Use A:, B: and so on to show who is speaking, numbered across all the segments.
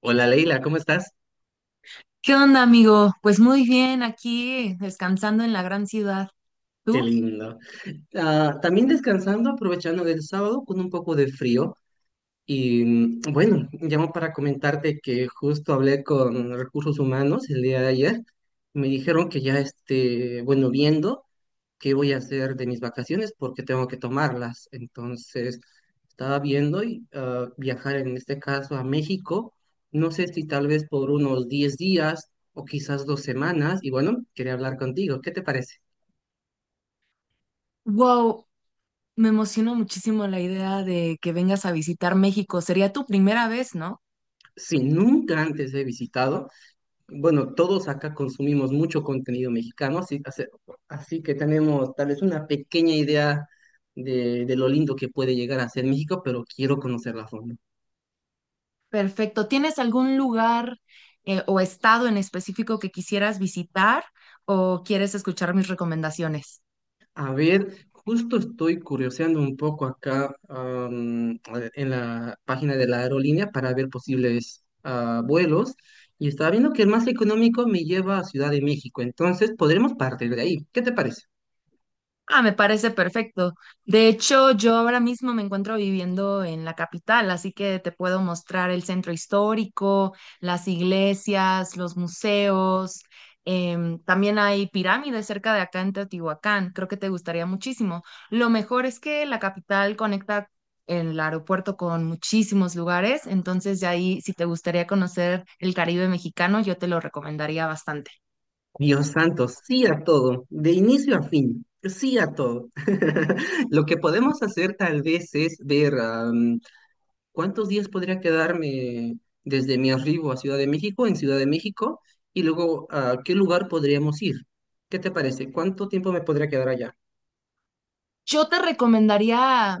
A: Hola Leila, ¿cómo estás?
B: ¿Qué onda, amigo? Pues muy bien, aquí descansando en la gran ciudad.
A: Qué
B: ¿Tú?
A: lindo. También descansando, aprovechando el sábado con un poco de frío. Bueno, llamo para comentarte que justo hablé con recursos humanos el día de ayer. Me dijeron que ya esté, bueno, viendo qué voy a hacer de mis vacaciones porque tengo que tomarlas. Entonces, estaba viendo y viajar en este caso a México. No sé si tal vez por unos 10 días o quizás 2 semanas. Y bueno, quería hablar contigo. ¿Qué te parece?
B: Wow, me emocionó muchísimo la idea de que vengas a visitar México. Sería tu primera vez, ¿no?
A: Si nunca antes he visitado, bueno, todos acá consumimos mucho contenido mexicano, así que tenemos tal vez una pequeña idea de lo lindo que puede llegar a ser México, pero quiero conocerla a fondo.
B: Perfecto. ¿Tienes algún lugar o estado en específico que quisieras visitar o quieres escuchar mis recomendaciones?
A: A ver, justo estoy curioseando un poco acá en la página de la aerolínea para ver posibles vuelos. Y estaba viendo que el más económico me lleva a Ciudad de México, entonces podremos partir de ahí. ¿Qué te parece?
B: Ah, me parece perfecto. De hecho, yo ahora mismo me encuentro viviendo en la capital, así que te puedo mostrar el centro histórico, las iglesias, los museos. También hay pirámides cerca de acá en Teotihuacán. Creo que te gustaría muchísimo. Lo mejor es que la capital conecta el aeropuerto con muchísimos lugares, entonces de ahí, si te gustaría conocer el Caribe mexicano, yo te lo recomendaría bastante.
A: Dios santo, sí a todo, de inicio a fin, sí a todo. Lo que podemos hacer tal vez es ver cuántos días podría quedarme desde mi arribo a Ciudad de México, en Ciudad de México, y luego a qué lugar podríamos ir. ¿Qué te parece? ¿Cuánto tiempo me podría quedar allá?
B: Yo te recomendaría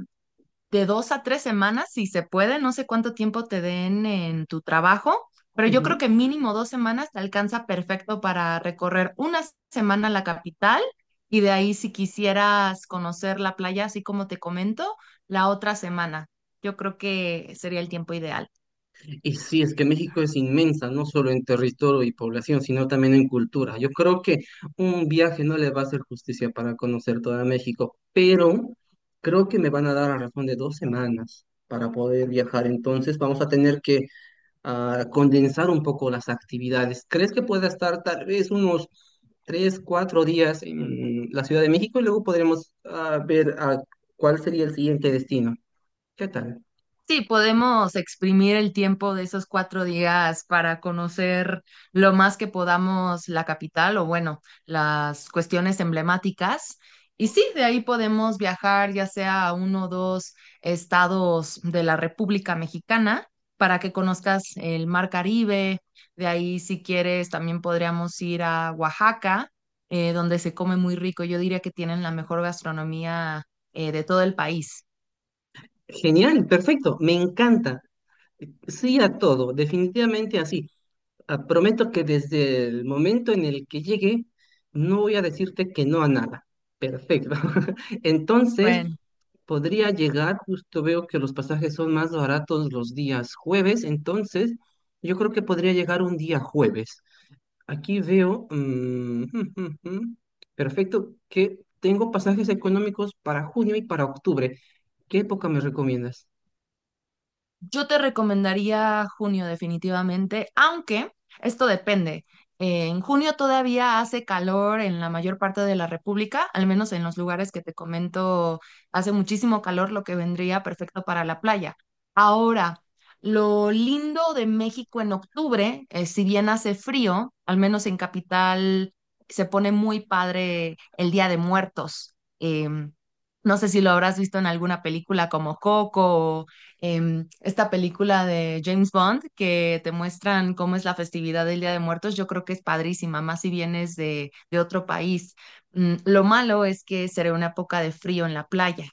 B: de 2 a 3 semanas, si se puede, no sé cuánto tiempo te den en tu trabajo, pero yo creo que mínimo 2 semanas te alcanza perfecto para recorrer una semana la capital y de ahí si quisieras conocer la playa, así como te comento, la otra semana. Yo creo que sería el tiempo ideal.
A: Y sí, es que México es inmensa, no solo en territorio y población, sino también en cultura. Yo creo que un viaje no le va a hacer justicia para conocer toda México, pero creo que me van a dar a razón de 2 semanas para poder viajar. Entonces vamos a tener que condensar un poco las actividades. ¿Crees que pueda estar tal vez unos 3, 4 días en la Ciudad de México y luego podremos ver cuál sería el siguiente destino? ¿Qué tal?
B: Sí, podemos exprimir el tiempo de esos 4 días para conocer lo más que podamos la capital o bueno, las cuestiones emblemáticas. Y sí, de ahí podemos viajar ya sea a uno o dos estados de la República Mexicana para que conozcas el Mar Caribe. De ahí, si quieres, también podríamos ir a Oaxaca, donde se come muy rico. Yo diría que tienen la mejor gastronomía de todo el país.
A: Genial, perfecto, me encanta. Sí a todo, definitivamente así. Prometo que desde el momento en el que llegue, no voy a decirte que no a nada. Perfecto. Entonces,
B: Bueno.
A: podría llegar, justo veo que los pasajes son más baratos los días jueves, entonces yo creo que podría llegar un día jueves. Aquí veo, perfecto, que tengo pasajes económicos para junio y para octubre. ¿Qué época me recomiendas?
B: Yo te recomendaría junio definitivamente, aunque esto depende. En junio todavía hace calor en la mayor parte de la República, al menos en los lugares que te comento, hace muchísimo calor, lo que vendría perfecto para la playa. Ahora, lo lindo de México en octubre, si bien hace frío, al menos en capital se pone muy padre el Día de Muertos. No sé si lo habrás visto en alguna película como Coco, esta película de James Bond que te muestran cómo es la festividad del Día de Muertos, yo creo que es padrísima, más si vienes de otro país. Lo malo es que será una época de frío en la playa.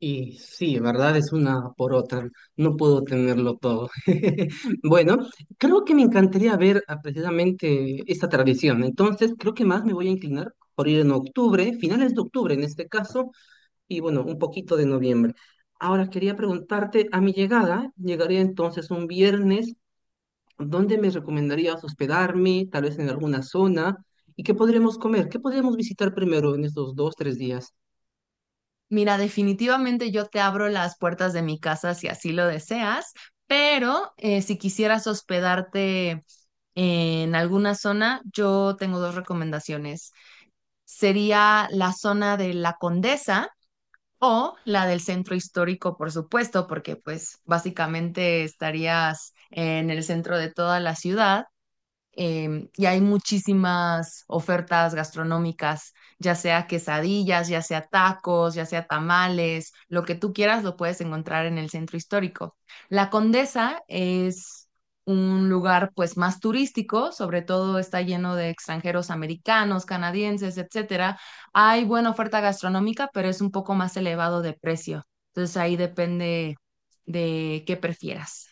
A: Y sí, verdad es una por otra, no puedo tenerlo todo. Bueno, creo que me encantaría ver precisamente esta tradición, entonces creo que más me voy a inclinar por ir en octubre, finales de octubre en este caso, y bueno, un poquito de noviembre. Ahora quería preguntarte, a mi llegada, llegaría entonces un viernes, ¿dónde me recomendarías hospedarme? Tal vez en alguna zona, ¿y qué podremos comer? ¿Qué podríamos visitar primero en estos 2, 3 días?
B: Mira, definitivamente yo te abro las puertas de mi casa si así lo deseas, pero si quisieras hospedarte en alguna zona, yo tengo dos recomendaciones. Sería la zona de La Condesa o la del centro histórico, por supuesto, porque pues básicamente estarías en el centro de toda la ciudad, y hay muchísimas ofertas gastronómicas, ya sea quesadillas, ya sea tacos, ya sea tamales, lo que tú quieras lo puedes encontrar en el centro histórico. La Condesa es un lugar pues más turístico, sobre todo está lleno de extranjeros americanos, canadienses, etcétera. Hay buena oferta gastronómica, pero es un poco más elevado de precio. Entonces ahí depende de qué prefieras.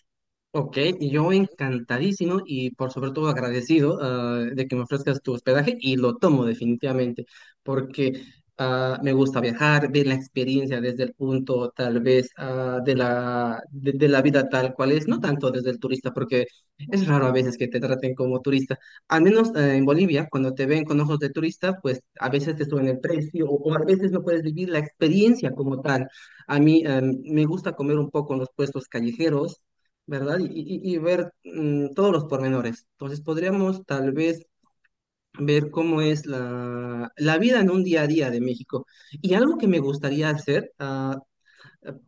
A: Ok, y yo encantadísimo y por sobre todo agradecido de que me ofrezcas tu hospedaje y lo tomo definitivamente porque me gusta viajar, ver la experiencia desde el punto tal vez de la vida tal cual es, no tanto desde el turista porque es raro a veces que te traten como turista. Al menos en Bolivia, cuando te ven con ojos de turista, pues a veces te suben el precio o a veces no puedes vivir la experiencia como tal. A mí me gusta comer un poco en los puestos callejeros, ¿verdad? Y ver todos los pormenores. Entonces podríamos tal vez ver cómo es la vida en un día a día de México. Y algo que me gustaría hacer, ah,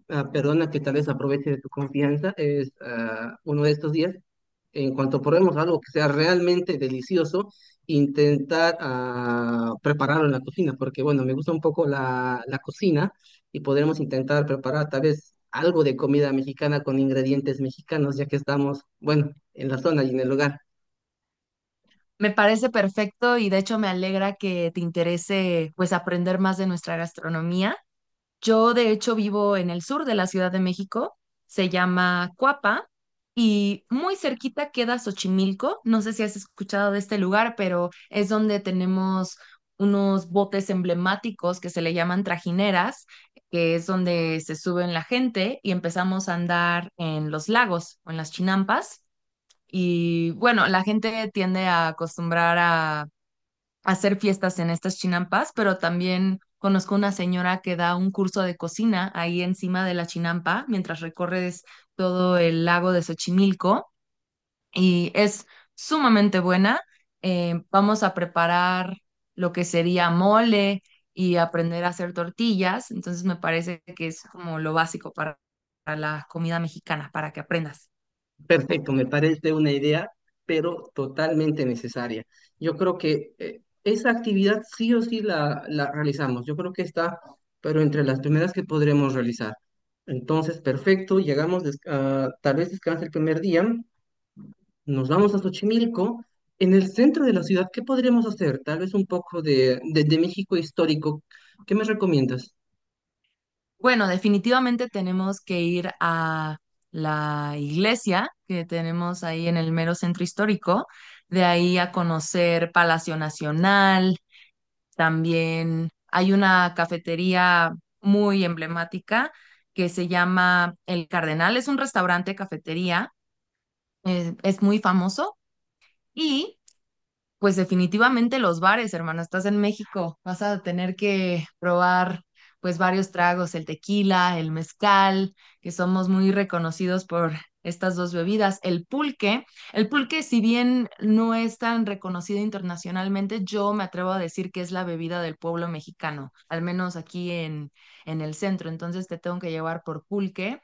A: ah, perdona que tal vez aproveche de tu confianza, es uno de estos días, en cuanto probemos algo que sea realmente delicioso, intentar prepararlo en la cocina, porque bueno, me gusta un poco la cocina y podremos intentar preparar tal vez algo de comida mexicana con ingredientes mexicanos, ya que estamos, bueno, en la zona y en el lugar.
B: Me parece perfecto y de hecho me alegra que te interese pues aprender más de nuestra gastronomía. Yo de hecho vivo en el sur de la Ciudad de México, se llama Cuapa y muy cerquita queda Xochimilco. No sé si has escuchado de este lugar, pero es donde tenemos unos botes emblemáticos que se le llaman trajineras, que es donde se suben la gente y empezamos a andar en los lagos o en las chinampas. Y bueno, la gente tiende a acostumbrar a hacer fiestas en estas chinampas, pero también conozco una señora que da un curso de cocina ahí encima de la chinampa mientras recorres todo el lago de Xochimilco y es sumamente buena. Vamos a preparar lo que sería mole y aprender a hacer tortillas, entonces me parece que es como lo básico para la comida mexicana, para que aprendas.
A: Perfecto, me parece una idea, pero totalmente necesaria. Yo creo que esa actividad sí o sí la realizamos. Yo creo que está, pero entre las primeras que podremos realizar. Entonces, perfecto, llegamos, tal vez descanse el primer día, nos vamos a Xochimilco. En el centro de la ciudad, ¿qué podremos hacer? Tal vez un poco de México histórico. ¿Qué me recomiendas?
B: Bueno, definitivamente tenemos que ir a la iglesia que tenemos ahí en el mero centro histórico, de ahí a conocer Palacio Nacional, también hay una cafetería muy emblemática que se llama El Cardenal, es un restaurante cafetería, es muy famoso y pues definitivamente los bares, hermana, estás en México, vas a tener que probar pues varios tragos, el tequila, el mezcal, que somos muy reconocidos por estas dos bebidas, el pulque. El pulque, si bien no es tan reconocido internacionalmente, yo me atrevo a decir que es la bebida del pueblo mexicano, al menos aquí en el centro. Entonces te tengo que llevar por pulque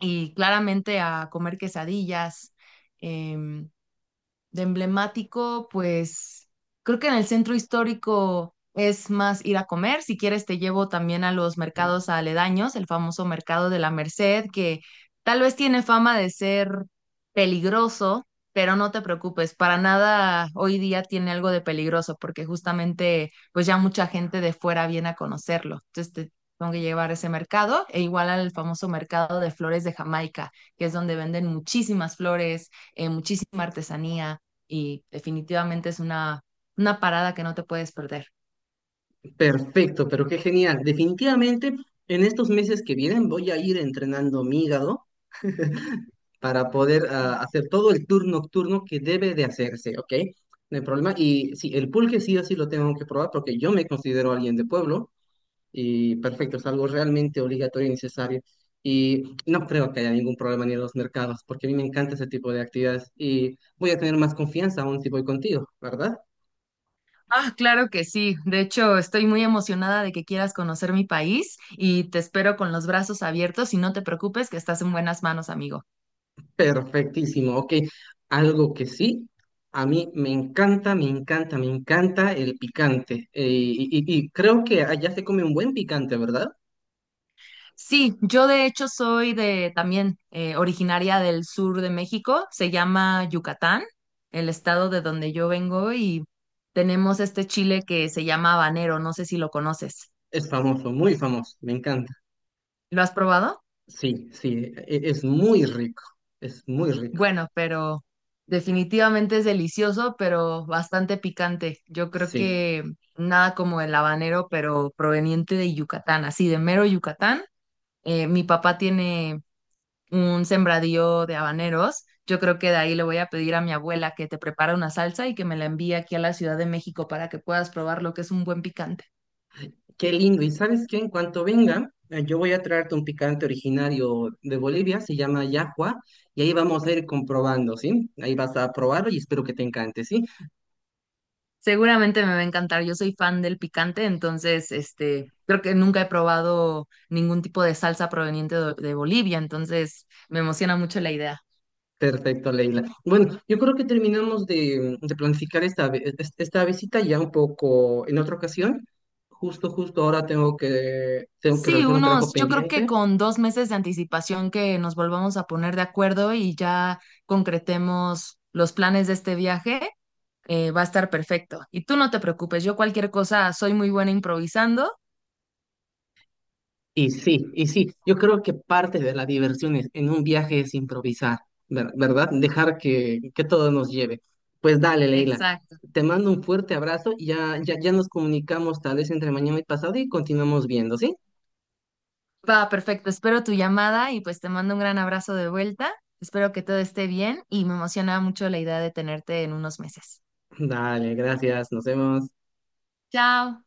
B: y claramente a comer quesadillas. em, de emblemático, pues creo que en el centro histórico es más ir a comer. Si quieres, te llevo también a los mercados aledaños, el famoso mercado de la Merced, que tal vez tiene fama de ser peligroso, pero no te preocupes, para nada hoy día tiene algo de peligroso, porque justamente pues ya mucha gente de fuera viene a conocerlo. Entonces te tengo que llevar a ese mercado e igual al famoso mercado de flores de Jamaica, que es donde venden muchísimas flores, muchísima artesanía y definitivamente es una parada que no te puedes perder.
A: Perfecto, pero qué genial. Definitivamente, en estos meses que vienen voy a ir entrenando mi hígado para poder
B: Sí.
A: hacer todo el tour nocturno que debe de hacerse, ¿ok? No hay problema. Y sí, el pulque sí o sí lo tengo que probar porque yo me considero alguien de pueblo y perfecto, es algo realmente obligatorio y necesario. Y no creo que haya ningún problema ni en los mercados porque a mí me encanta ese tipo de actividades y voy a tener más confianza aún si voy contigo, ¿verdad?
B: Ah, claro que sí. De hecho, estoy muy emocionada de que quieras conocer mi país y te espero con los brazos abiertos y no te preocupes que estás en buenas manos, amigo.
A: Perfectísimo, ok. Algo que sí. A mí me encanta, me encanta, me encanta el picante. Y creo que allá se come un buen picante, ¿verdad?
B: Sí, yo de hecho soy de también originaria del sur de México, se llama Yucatán, el estado de donde yo vengo y tenemos este chile que se llama habanero, no sé si lo conoces.
A: Es famoso, muy famoso, me encanta.
B: ¿Lo has probado?
A: Sí, sí, es muy rico, es muy rico.
B: Bueno, pero definitivamente es delicioso, pero bastante picante. Yo creo
A: Sí,
B: que nada como el habanero, pero proveniente de Yucatán, así de mero Yucatán. Mi papá tiene un sembradío de habaneros. Yo creo que de ahí le voy a pedir a mi abuela que te prepare una salsa y que me la envíe aquí a la Ciudad de México para que puedas probar lo que es un buen picante.
A: qué lindo. ¿Y sabes qué? En cuanto venga, yo voy a traerte un picante originario de Bolivia, se llama yahua, y ahí vamos a ir comprobando, ¿sí? Ahí vas a probarlo y espero que te encante, ¿sí?
B: Seguramente me va a encantar. Yo soy fan del picante, entonces, creo que nunca he probado ningún tipo de salsa proveniente de Bolivia, entonces me emociona mucho la idea.
A: Perfecto, Leila. Bueno, yo creo que terminamos de, de planificar esta, vi- e, es- esta visita ya un poco en otra ocasión. Justo ahora tengo que
B: Sí,
A: realizar un trabajo
B: unos, yo creo que
A: pendiente.
B: con 2 meses de anticipación que nos volvamos a poner de acuerdo y ya concretemos los planes de este viaje, va a estar perfecto. Y tú no te preocupes, yo cualquier cosa soy muy buena improvisando.
A: Y sí, yo creo que parte de la diversión en un viaje es improvisar, ¿verdad? Dejar que todo nos lleve. Pues dale, Leila,
B: Exacto.
A: te mando un fuerte abrazo y ya, ya, ya nos comunicamos tal vez entre mañana y pasado y continuamos viendo, ¿sí?
B: Va, perfecto. Espero tu llamada y pues te mando un gran abrazo de vuelta. Espero que todo esté bien y me emociona mucho la idea de tenerte en unos meses.
A: Dale, gracias, nos vemos.
B: Chao.